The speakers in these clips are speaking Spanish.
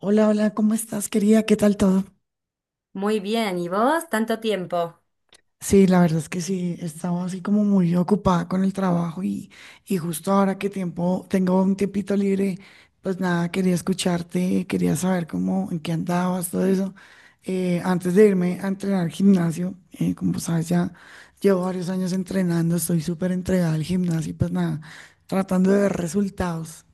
Hola, hola, ¿cómo estás, querida? ¿Qué tal todo? Muy bien, ¿y vos? Tanto tiempo. Sí, la verdad es que sí, estaba así como muy ocupada con el trabajo y justo ahora que tiempo, tengo un tiempito libre, pues nada, quería escucharte, quería saber cómo, en qué andabas, todo eso. Antes de irme a entrenar al gimnasio, como sabes, ya llevo varios años entrenando, estoy súper entregada al gimnasio y pues nada, tratando de ver resultados.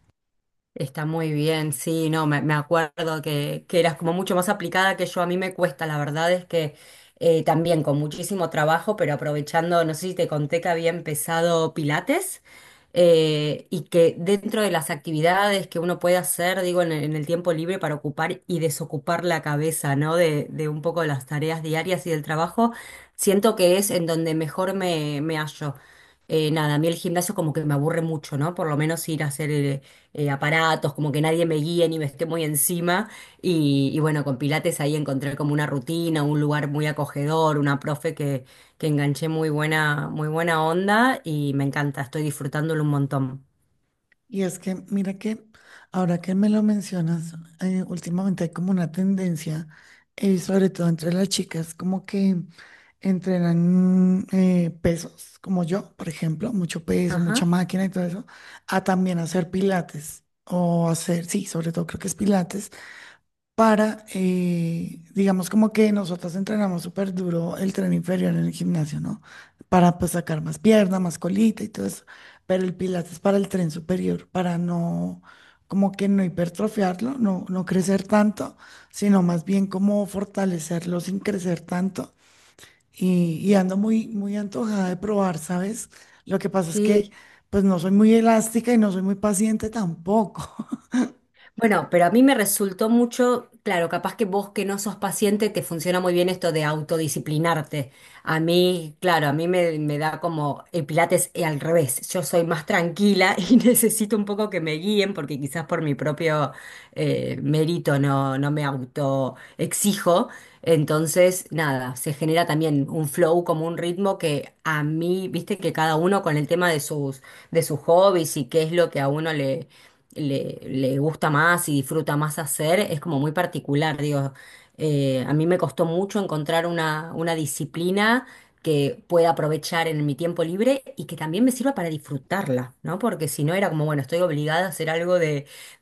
Está muy bien, sí, no, me acuerdo que eras como mucho más aplicada que yo, a mí me cuesta, la verdad es que también con muchísimo trabajo, pero aprovechando, no sé si te conté que había empezado Pilates, y que dentro de las actividades que uno puede hacer, digo, en el tiempo libre para ocupar y desocupar la cabeza, ¿no? De un poco las tareas diarias y del trabajo, siento que es en donde mejor me hallo. Nada, a mí el gimnasio como que me aburre mucho, ¿no? Por lo menos ir a hacer aparatos, como que nadie me guíe ni me esté muy encima. Y bueno, con Pilates ahí encontré como una rutina, un lugar muy acogedor, una profe que enganché muy buena onda y me encanta, estoy disfrutándolo un montón. Y es que, mira que ahora que me lo mencionas, últimamente hay como una tendencia, sobre todo entre las chicas, como que entrenan pesos, como yo, por ejemplo, mucho peso, mucha Ajá, máquina y todo eso, a también hacer pilates o hacer, sí, sobre todo creo que es pilates para, digamos como que nosotras entrenamos súper duro el tren inferior en el gimnasio, ¿no? Para pues sacar más pierna, más colita y todo eso, pero el pilates es para el tren superior, para no, como que no hipertrofiarlo, no, no crecer tanto, sino más bien como fortalecerlo sin crecer tanto. Y ando muy, muy antojada de probar, ¿sabes? Lo que pasa es que sí. pues no soy muy elástica y no soy muy paciente tampoco. Bueno, pero a mí me resultó mucho, claro, capaz que vos que no sos paciente te funciona muy bien esto de autodisciplinarte. A mí, claro, a mí me da como el Pilates al revés. Yo soy más tranquila y necesito un poco que me guíen porque quizás por mi propio merito, no, no me auto exijo. Entonces, nada, se genera también un flow como un ritmo que a mí, viste que cada uno con el tema de sus hobbies y qué es lo que a uno le, le gusta más y disfruta más hacer, es como muy particular, digo. A mí me costó mucho encontrar una disciplina que pueda aprovechar en mi tiempo libre y que también me sirva para disfrutarla, ¿no? Porque si no era como, bueno, estoy obligada a hacer algo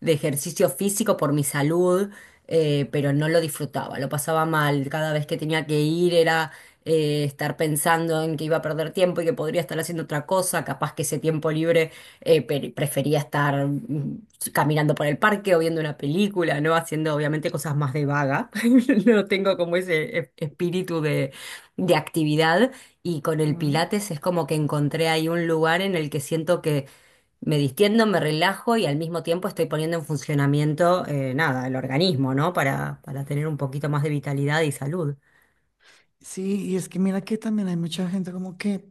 de ejercicio físico por mi salud, pero no lo disfrutaba, lo pasaba mal. Cada vez que tenía que ir era estar pensando en que iba a perder tiempo y que podría estar haciendo otra cosa, capaz que ese tiempo libre prefería estar caminando por el parque o viendo una película, ¿no? Haciendo obviamente cosas más de vaga. No tengo como ese espíritu de actividad y con el Pilates es como que encontré ahí un lugar en el que siento que me distiendo, me relajo y al mismo tiempo estoy poniendo en funcionamiento, nada, el organismo, ¿no? Para tener un poquito más de vitalidad y salud. Sí, y es que mira que también hay mucha gente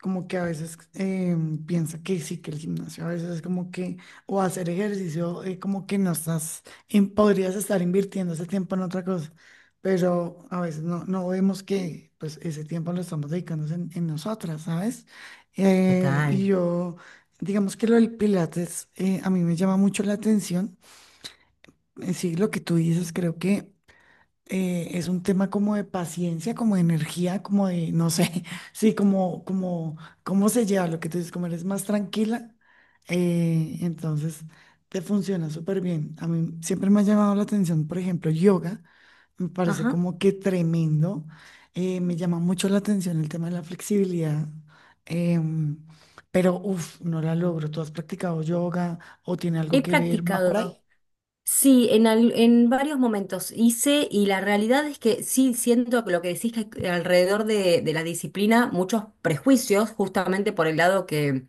como que a veces piensa que sí, que el gimnasio a veces es como que, o hacer ejercicio, como que no estás, podrías estar invirtiendo ese tiempo en otra cosa, pero a veces no, no vemos que pues ese tiempo lo estamos dedicando en nosotras, ¿sabes? Eh, Total. y yo, digamos que lo del Pilates a mí me llama mucho la atención. Sí, lo que tú dices, creo que es un tema como de paciencia, como de energía, como de, no sé, sí, cómo se lleva lo que tú dices, como eres más tranquila, entonces te funciona súper bien. A mí siempre me ha llamado la atención, por ejemplo, yoga, me parece Ajá. como que tremendo, me llama mucho la atención el tema de la flexibilidad, em, pero uff, no la logro. ¿Tú has practicado yoga o tiene algo He que ver? ¿Va por practicado. ahí? Sí, en, en varios momentos hice y la realidad es que sí siento que lo que decís que hay alrededor de la disciplina, muchos prejuicios, justamente por el lado que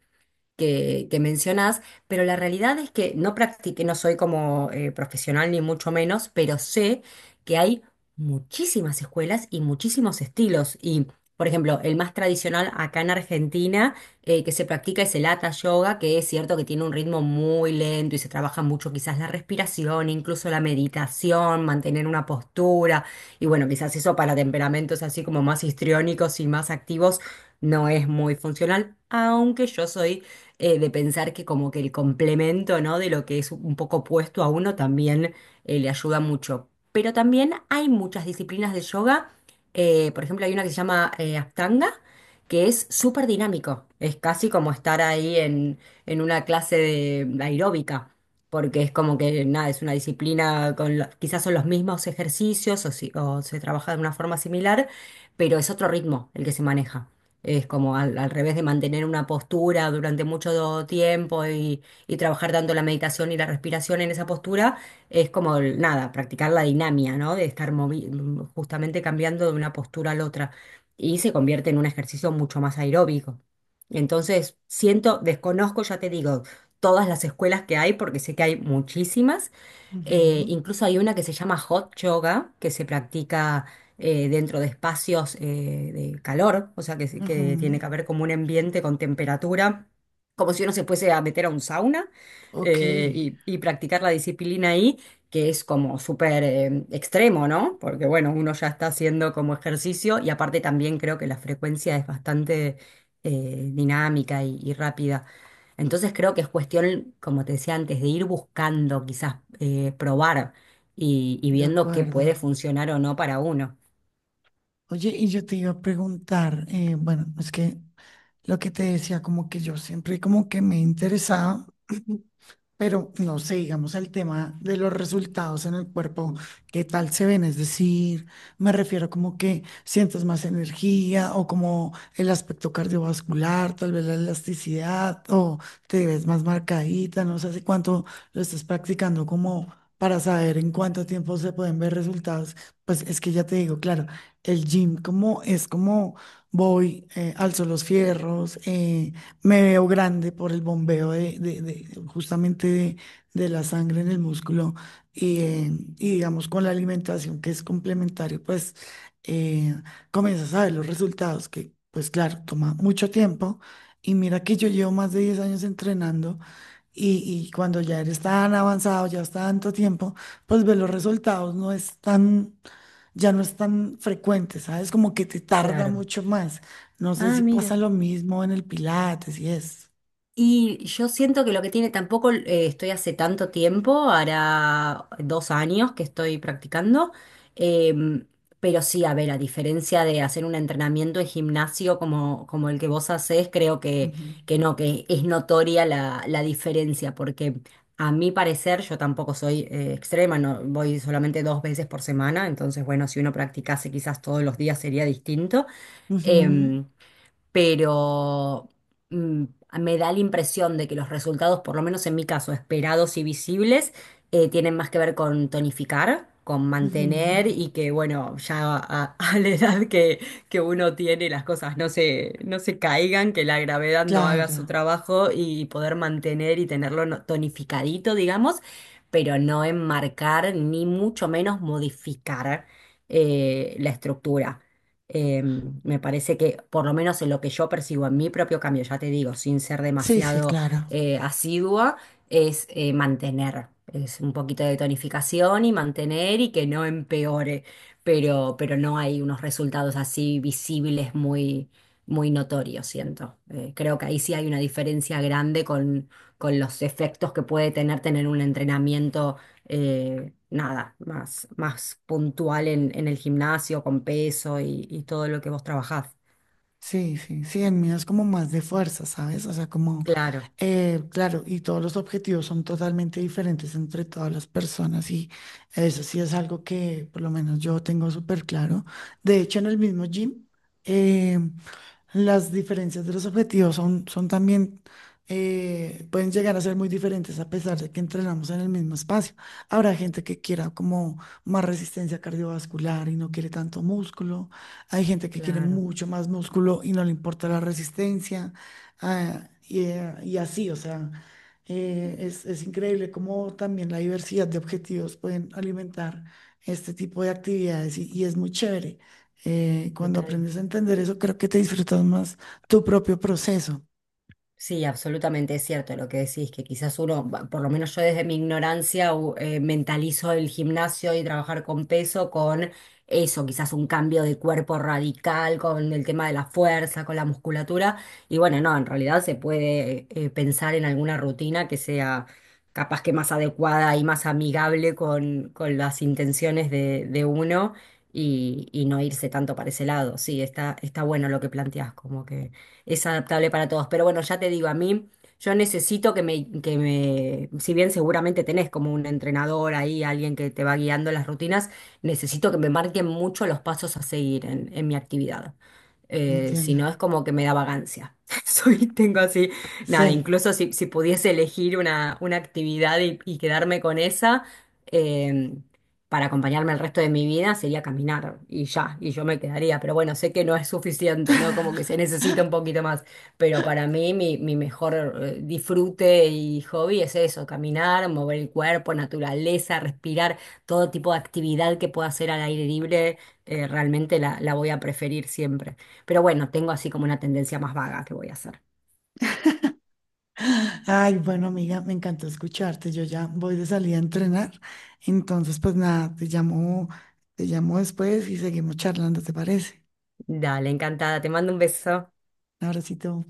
que, que mencionás, pero la realidad es que no practiqué, no soy como profesional ni mucho menos, pero sé que hay muchísimas escuelas y muchísimos estilos. Y, por ejemplo, el más tradicional acá en Argentina, que se practica, es el Hatha Yoga, que es cierto que tiene un ritmo muy lento y se trabaja mucho quizás la respiración, incluso la meditación, mantener una postura. Y bueno, quizás eso para temperamentos así como más histriónicos y más activos no es muy funcional, aunque yo soy de pensar que como que el complemento, ¿no? De lo que es un poco opuesto a uno también le ayuda mucho. Pero también hay muchas disciplinas de yoga. Por ejemplo, hay una que se llama Ashtanga, que es súper dinámico. Es casi como estar ahí en una clase de aeróbica. Porque es como que nada, es una disciplina con quizás son los mismos ejercicios o, o se trabaja de una forma similar, pero es otro ritmo el que se maneja. Es como al revés de mantener una postura durante mucho tiempo y trabajar tanto la meditación y la respiración en esa postura, es como nada, practicar la dinámica, ¿no? De estar justamente cambiando de una postura a la otra. Y se convierte en un ejercicio mucho más aeróbico. Entonces, siento, desconozco, ya te digo, todas las escuelas que hay, porque sé que hay muchísimas. Ujú, Incluso hay una que se llama hot yoga, que se practica dentro de espacios de calor, o sea que, que ujú, tiene que haber como un ambiente con temperatura, como si uno se fuese a meter a un sauna, ok. Y practicar la disciplina ahí, que es como súper extremo, ¿no? Porque bueno, uno ya está haciendo como ejercicio y aparte también creo que la frecuencia es bastante dinámica y rápida. Entonces creo que es cuestión, como te decía antes, de ir buscando, quizás probar y De viendo qué puede acuerdo. funcionar o no para uno. Oye, y yo te iba a preguntar, bueno, es que lo que te decía, como que yo siempre como que me interesaba. Pero no sé, digamos el tema de los resultados en el cuerpo, ¿qué tal se ven? Es decir, me refiero como que sientes más energía o como el aspecto cardiovascular, tal vez la elasticidad o te ves más marcadita, no sé hace cuánto lo estás practicando como para saber en cuánto tiempo se pueden ver resultados. Pues es que ya te digo, claro, el gym como es como voy, alzo los fierros, me veo grande por el bombeo justamente de la sangre en el músculo y y digamos con la alimentación que es complementario, pues eh, comienzas a ver los resultados que pues claro, toma mucho tiempo y mira que yo llevo más de 10 años entrenando y, y cuando ya eres tan avanzado, ya está tanto tiempo, pues ver los resultados no es tan, ya no es tan frecuente, ¿sabes? Como que te tarda Claro. mucho más. No sé Ah, si pasa mira. lo mismo en el Pilates y eso. Y yo siento que lo que tiene, tampoco estoy hace tanto tiempo, hará 2 años que estoy practicando, em, pero sí, a ver, a diferencia de hacer un entrenamiento en gimnasio como, como el que vos hacés, creo Ujú, que no, que es notoria la diferencia, porque a mi parecer yo tampoco soy extrema, no, voy solamente 2 veces por semana, entonces bueno, si uno practicase quizás todos los días sería distinto. ujú, Em, pero mm, me da la impresión de que los resultados, por lo menos en mi caso, esperados y visibles, tienen más que ver con tonificar, con ujú. mantener y que, bueno, ya a, a la edad que uno tiene, las cosas no se caigan, que la gravedad no haga Claro. su trabajo y poder mantener y tenerlo tonificadito, digamos, pero no enmarcar ni mucho menos modificar la estructura. Eh, Me parece que, por lo menos en lo que yo percibo en mi propio cambio, ya te digo, sin ser Sí, sí, demasiado claro. Asidua, es mantener, es un poquito de tonificación y mantener y que no empeore, pero no hay unos resultados así visibles muy, muy notorios, siento. Creo que ahí sí hay una diferencia grande con los efectos que puede tener un entrenamiento nada, más, más puntual en el gimnasio, con peso y todo lo que vos trabajás. Sí, sí, sí. El mío es como más de fuerza, ¿sabes? O sea, como, Claro, claro, y todos los objetivos son totalmente diferentes entre todas las personas y eso sí es algo que por lo menos yo tengo súper claro. De hecho, en el mismo gym. eh, Las diferencias de los objetivos son también pueden llegar a ser muy diferentes a pesar de que entrenamos en el mismo espacio. Habrá gente que quiera como más resistencia cardiovascular y no quiere tanto músculo. Hay gente que quiere claro, mucho más músculo y no le importa la resistencia. Y así, o sea, es increíble cómo también la diversidad de objetivos pueden alimentar este tipo de actividades y es muy chévere. Cuando totalmente. aprendes a entender eso, creo que te disfrutas más tu propio proceso. Sí, absolutamente es cierto lo que decís, que quizás uno, por lo menos yo desde mi ignorancia, mentalizo el gimnasio y trabajar con peso con eso, quizás un cambio de cuerpo radical, con el tema de la fuerza, con la musculatura. Y bueno, no, en realidad se puede pensar en alguna rutina que sea capaz que más adecuada y más amigable con las intenciones de uno y no irse tanto para ese lado. Sí, está, está bueno lo que planteás, como que es adaptable para todos. Pero bueno, ya te digo, a mí yo necesito que me si bien seguramente tenés como un entrenador ahí, alguien que te va guiando las rutinas, necesito que me marquen mucho los pasos a seguir en mi actividad. Si Entiendo. no, es como que me da vagancia. Soy, tengo así, nada, Sí. incluso si pudiese elegir una actividad y quedarme con esa. eh, para acompañarme el resto de mi vida sería caminar y ya, y yo me quedaría, pero bueno, sé que no es suficiente, ¿no? Como que se necesita un poquito más, pero para mí mi, mi mejor disfrute y hobby es eso, caminar, mover el cuerpo, naturaleza, respirar, todo tipo de actividad que pueda hacer al aire libre, realmente la voy a preferir siempre. Pero bueno, tengo así como una tendencia más vaga que voy a hacer. Ay, bueno, amiga, me encantó escucharte. Yo ya voy de salida a entrenar. Entonces, pues nada, te llamo después y seguimos charlando, ¿te parece? Dale, encantada, te mando un beso. Un abracito.